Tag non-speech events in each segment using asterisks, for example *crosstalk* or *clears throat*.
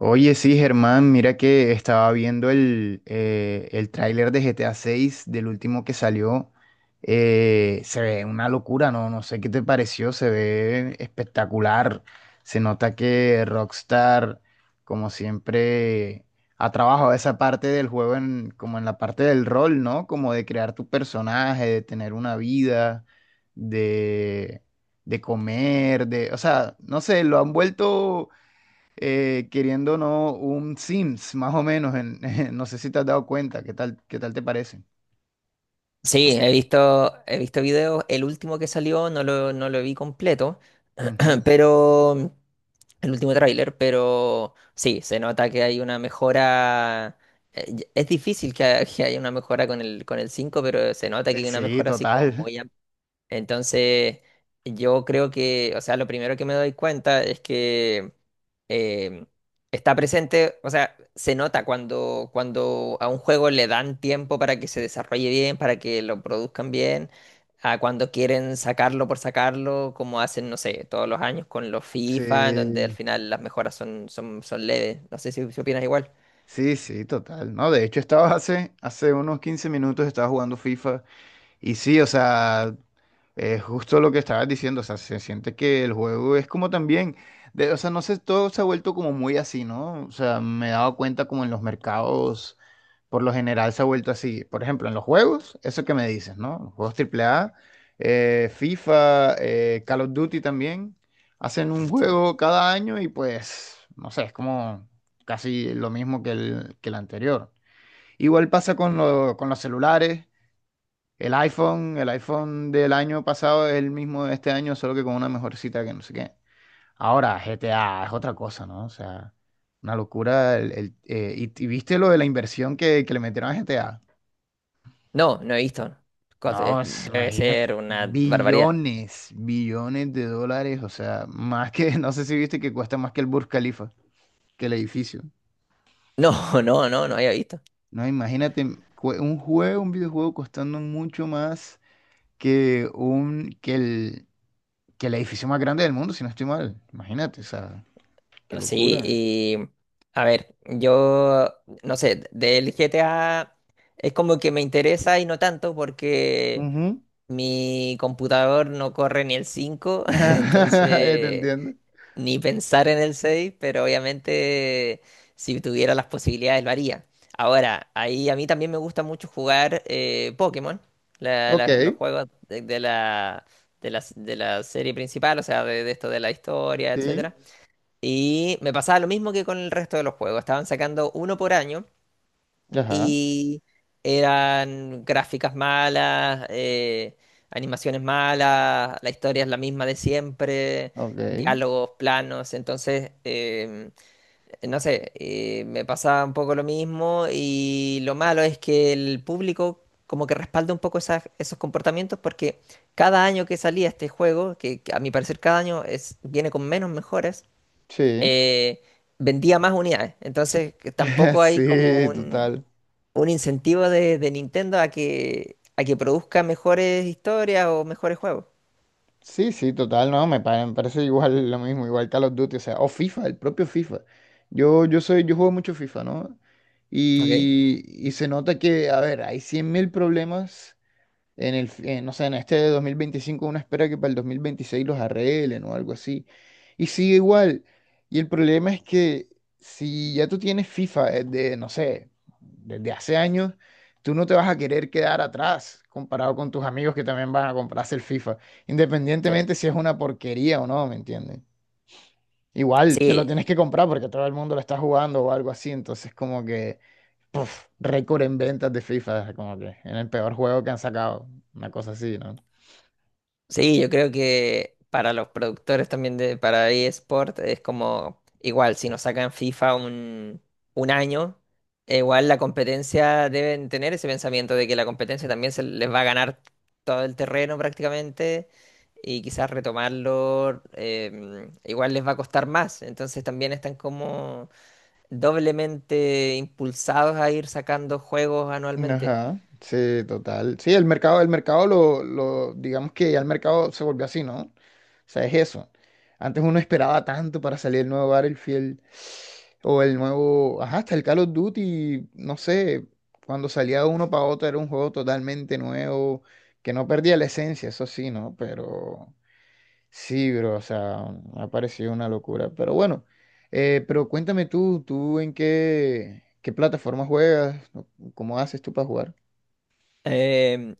Oye, sí, Germán, mira que estaba viendo el tráiler de GTA 6 del último que salió. Se ve una locura, ¿no? No sé qué te pareció, se ve espectacular. Se nota que Rockstar, como siempre, ha trabajado esa parte del juego en, como en la parte del rol, ¿no? Como de crear tu personaje, de tener una vida, de, de comer, de, o sea, no sé, lo han vuelto queriendo o no un Sims, más o menos. *laughs* No sé si te has dado cuenta, qué tal te parece? Sí, he visto videos. El último que salió no lo vi completo, Ujú. *clears throat* pero el último tráiler, pero sí, se nota que hay una mejora. Es difícil que, *laughs* que haya una mejora con el 5, pero se nota que hay una Sí, mejora así como total. muy *laughs* amplia. Entonces, yo creo que, o sea, lo primero que me doy cuenta es que eh, está presente, o sea, se nota cuando a un juego le dan tiempo para que se desarrolle bien, para que lo produzcan bien, a cuando quieren sacarlo por sacarlo, como hacen, no sé, todos los años con los FIFA, en donde al Sí, final las mejoras son leves. No sé si opinas igual. sí, sí, total. No, de hecho, estaba hace unos 15 minutos, estaba jugando FIFA. Y sí, o sea, es justo lo que estabas diciendo, o sea, se siente que el juego es como también, o sea, no sé, todo se ha vuelto como muy así, ¿no? O sea, me he dado cuenta como en los mercados, por lo general se ha vuelto así. Por ejemplo, en los juegos, eso que me dices, ¿no? Los juegos AAA, FIFA, Call of Duty también, hacen un Sí. juego cada año y pues, no sé, es como casi lo mismo que que el anterior. Igual pasa con, con los celulares. El iPhone del año pasado es el mismo de este año, solo que con una mejorcita que no sé qué. Ahora, GTA es otra cosa, ¿no? O sea, una locura. Y, ¿y viste lo de la inversión que le metieron a GTA? No, no he visto. No, es- Debe imagínate, ser una barbaridad. billones, billones de dólares, o sea, más que, *laughs* no sé si viste que cuesta más que el Burj Khalifa, que el edificio. No, *laughs* no, no, no había visto. No, imagínate un juego, un videojuego costando mucho más que un, que el edificio más grande del mundo, si no estoy mal. Imagínate, o sea, qué Sí, locura. y a ver, yo no sé, del GTA es como que me interesa y no tanto porque Ujú. mi computador no corre ni el 5 *laughs* *laughs* ¿Te entonces entiendes? ni pensar en el seis, pero obviamente si tuviera las posibilidades lo haría. Ahora, ahí a mí también me gusta mucho jugar Pokémon, Ok, los juegos de, de la serie principal, o sea, de esto de la historia, sí. etc. Y me pasaba lo mismo que con el resto de los juegos. Estaban sacando uno por año Ajá, y eran gráficas malas, animaciones malas, la historia es la misma de siempre, ok, diálogos planos. Entonces, no sé, me pasaba un poco lo mismo, y lo malo es que el público como que respalda un poco esos comportamientos porque cada año que salía este juego, que a mi parecer cada año es, viene con menos mejoras, sí. eh, vendía más unidades. Entonces, que *laughs* tampoco hay como Sí, total. un incentivo de Nintendo a que produzca mejores historias o mejores juegos. Sí, sí, total, no, pa- me parece igual lo mismo, igual Call of Duty, o sea, o FIFA, el propio FIFA. Yo soy, yo juego mucho FIFA, ¿no? Ok. Y se nota que, a ver, hay 100.000 problemas en el, no sé, en este de 2025. Uno espera que para el 2026 los arreglen o algo así. Y sigue igual. Y el problema es que si ya tú tienes FIFA desde, no sé, desde hace años, tú no te vas a querer quedar atrás comparado con tus amigos que también van a comprarse el FIFA, Sí. independientemente si es una porquería o no, ¿me entiendes? Igual te lo Sí, tienes que comprar porque todo el mundo lo está jugando o algo así, entonces como que, puf, récord en ventas de FIFA, como que en el peor juego que han sacado, una cosa así, ¿no? Sí, yo creo que para los productores también de para eSport es como igual, si nos sacan un año, igual la competencia deben tener ese pensamiento de que la competencia también se les va a ganar todo el terreno prácticamente, y quizás retomarlo igual les va a costar más. Entonces también están como doblemente impulsados a ir sacando juegos anualmente. Ajá, sí, total. Sí, el mercado digamos que ya el mercado se volvió así, ¿no? O sea, es eso. Antes uno esperaba tanto para salir el nuevo Battlefield o el nuevo, ajá, hasta el Call of Duty, no sé, cuando salía uno para otro era un juego totalmente nuevo, que no perdía la esencia, eso sí, ¿no? Pero sí, bro, o sea, me ha parecido una locura. Pero bueno, pero cuéntame tú, ¿tú en qué plataforma juegas? ¿Cómo haces tú para jugar? Em,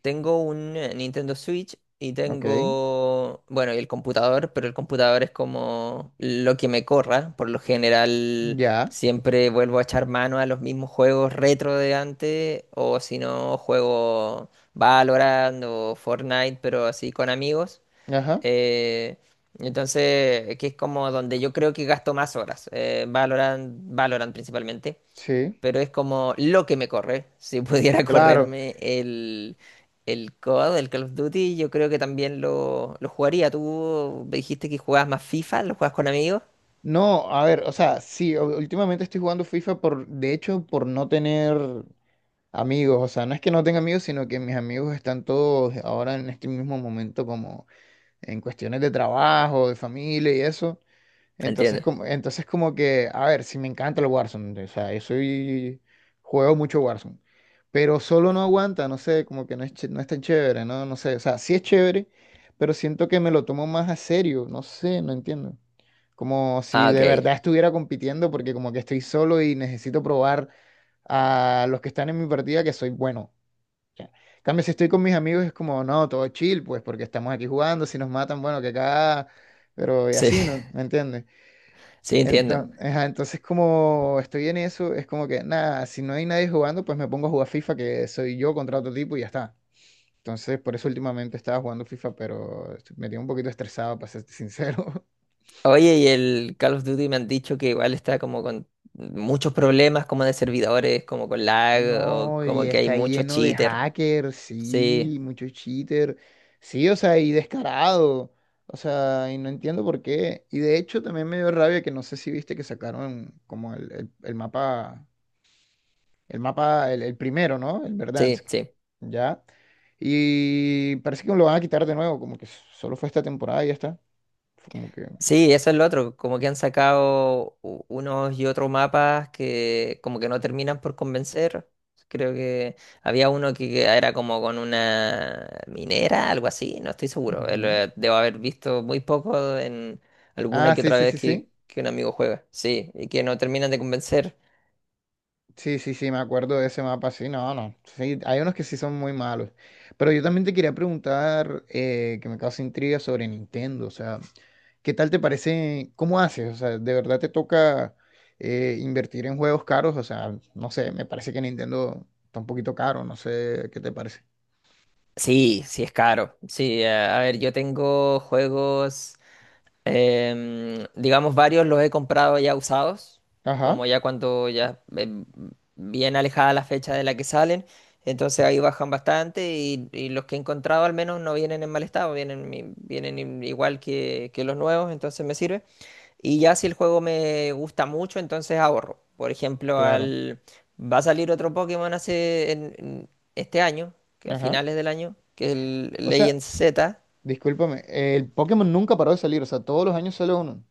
Tengo un Nintendo Switch y Ok, tengo, bueno, y el computador, pero el computador es como lo que me corra. Por lo general, ya, siempre vuelvo a echar mano a los mismos juegos retro de antes, o si no, juego Valorant o Fortnite, pero así con amigos. ajá, Eh, entonces, que es como donde yo creo que gasto más horas. Valorant principalmente, sí, pero es como lo que me corre. Si pudiera *laughs* claro. correrme el COD, el Call of Duty, yo creo que también lo jugaría. Tú me dijiste que jugabas más FIFA, lo juegas con amigos. No, a ver, o sea, sí, u- últimamente estoy jugando FIFA por, de hecho, por no tener amigos. O sea, no es que no tenga amigos, sino que mis amigos están todos ahora en este mismo momento como en cuestiones de trabajo, de familia y eso. Entiendo. Entonces como que, a ver, si me encanta el Warzone, o sea, yo soy, juego mucho Warzone, pero solo no aguanta, no sé, como que no es, ch- no es tan chévere, no, no sé, o sea, sí es chévere, pero siento que me lo tomo más a serio, no sé, no entiendo. Como si Ah, de ok. verdad estuviera compitiendo porque como que estoy solo y necesito probar a los que están en mi partida que soy bueno. Ya. En cambio, si estoy con mis amigos es como, no, todo chill, pues porque estamos aquí jugando, si nos matan, bueno, que acá, pero y Sí, así, ¿no? Sí. ¿Me entiendes? *laughs* sí, entiendo. Entonces como estoy en eso, es como que nada, si no hay nadie jugando, pues me pongo a jugar FIFA, que soy yo contra otro tipo y ya está. Entonces, por eso últimamente estaba jugando FIFA, pero estoy- me tiene un poquito estresado, para ser sincero. *laughs* Oye, y el Call of Duty me han dicho que igual está como con muchos problemas como de servidores, como con lag, o No, y como que hay está muchos lleno de cheaters. hackers, Sí, sí, muchos cheater, sí, o sea, y descarado, o sea, y no entiendo por qué. Y de hecho también me dio rabia que no sé si viste que sacaron como el mapa. El mapa, el primero, ¿no? El sí, Verdansk. sí. Ya. Y parece que lo van a quitar de nuevo, como que solo fue esta temporada y ya está. Fue como que. Sí, eso es lo otro, como que han sacado unos y otros mapas que como que no terminan por convencer. Creo que había uno que era como con una minera, algo así, no estoy seguro. Ujú. Debo haber visto muy poco en alguna Ah, que sí, otra sí, vez sí, sí. Que un amigo juega. Sí, y que no terminan de convencer. Sí, sí, sí, me acuerdo de ese mapa, sí, no, no. Sí, hay unos que sí son muy malos. Pero yo también te quería preguntar, que me causa intriga sobre Nintendo, o sea, ¿qué tal te parece? ¿Cómo haces? O sea, ¿de verdad te toca invertir en juegos caros? O sea, no sé, me parece que Nintendo está un poquito caro, no sé qué te parece. Sí, sí es caro. Sí, a ver, yo tengo juegos. Digamos, varios los he comprado ya usados, como Ajá, ya cuando ya bien alejada la fecha de la que salen, entonces ahí bajan bastante, y los que he encontrado al menos no vienen en mal estado, vienen, igual que los nuevos, entonces me sirve. Y ya si el juego me gusta mucho, entonces ahorro. Por ejemplo, claro. Va a salir otro Pokémon en este año, que a Ajá. finales del año, que es el O sea, Legend Z, discúlpame, el Pokémon nunca paró de salir, o sea, todos los años sale uno.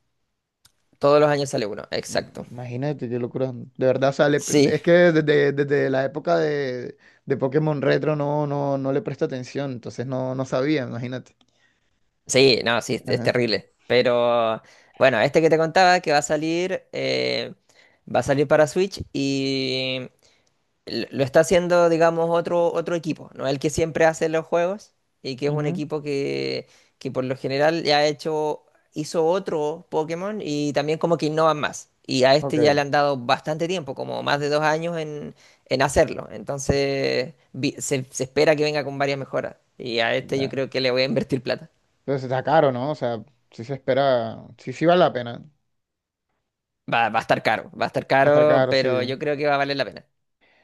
todos los años sale uno, Mm, exacto. imagínate qué locura. De verdad sale. Pe- Sí, Es que desde, desde la época de Pokémon Retro no, no, no le presta atención, entonces no, no sabía, imagínate. Sí, no, sí, es Ajá. terrible. Pero bueno, este que te contaba que va a salir para Switch, y lo está haciendo, digamos, otro equipo, ¿no? El que siempre hace los juegos, y que es un Ujú. equipo que por lo general ya ha hecho, hizo otro Pokémon, y también como que innovan más. Y a este ya Ok, le han dado bastante tiempo, como más de dos años en hacerlo. Entonces se espera que venga con varias mejoras. Y a este yo ya. creo que le voy a invertir plata. Entonces está caro, ¿no? O sea, sí se espera, sí, sí vale la pena. Va a estar caro, va a estar Va a estar caro, caro, sí. pero yo creo que va a valer la pena.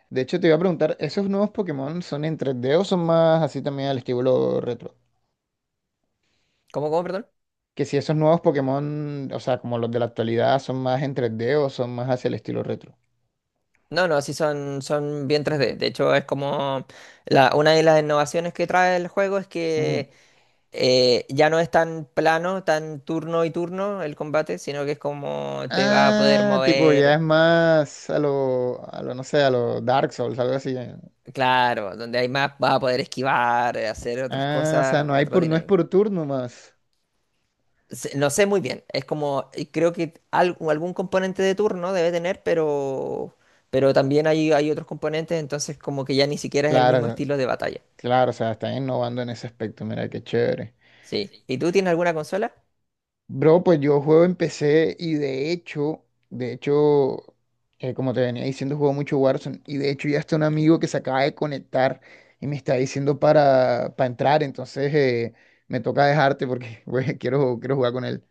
De hecho, te iba a preguntar, ¿esos nuevos Pokémon son en 3D o son más así también al estilo retro? ¿Cómo, cómo, perdón? Que si esos nuevos Pokémon, o sea, como los de la actualidad, son más en 3D o son más hacia el estilo retro. No, no, sí son, son bien tres d. De hecho, es como la, una de las innovaciones que trae el juego es Ujú. que ya no es tan plano, tan turno y turno el combate, sino que es como te vas a poder Ah, tipo, ya es mover, más a lo, no sé, a lo Dark Souls, algo así. ¿Eh? claro, donde hay más vas a poder esquivar, hacer otras Ah, o sea, cosas, no hay otras por, no es dinámicas. por turno más. No sé muy bien, es como, y creo que algún componente de turno debe tener, pero también hay otros componentes, entonces como que ya ni siquiera es el mismo Claro, estilo de batalla. claro, o sea, están innovando en ese aspecto, mira, qué chévere. Sí. ¿Y tú tienes alguna consola? Bro, pues yo juego en PC y de hecho, como te venía diciendo, juego mucho Warzone y de hecho ya está un amigo que se acaba de conectar y me está diciendo para entrar, entonces me toca dejarte porque *laughs* güey, quiero, quiero jugar con él.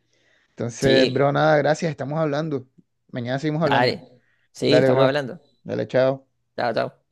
Entonces, sí, Sí, bro, nada, gracias, estamos hablando. Mañana seguimos hablando. dale. Sí, Dale, estamos bro. hablando. Dale, chao. Chao, chao.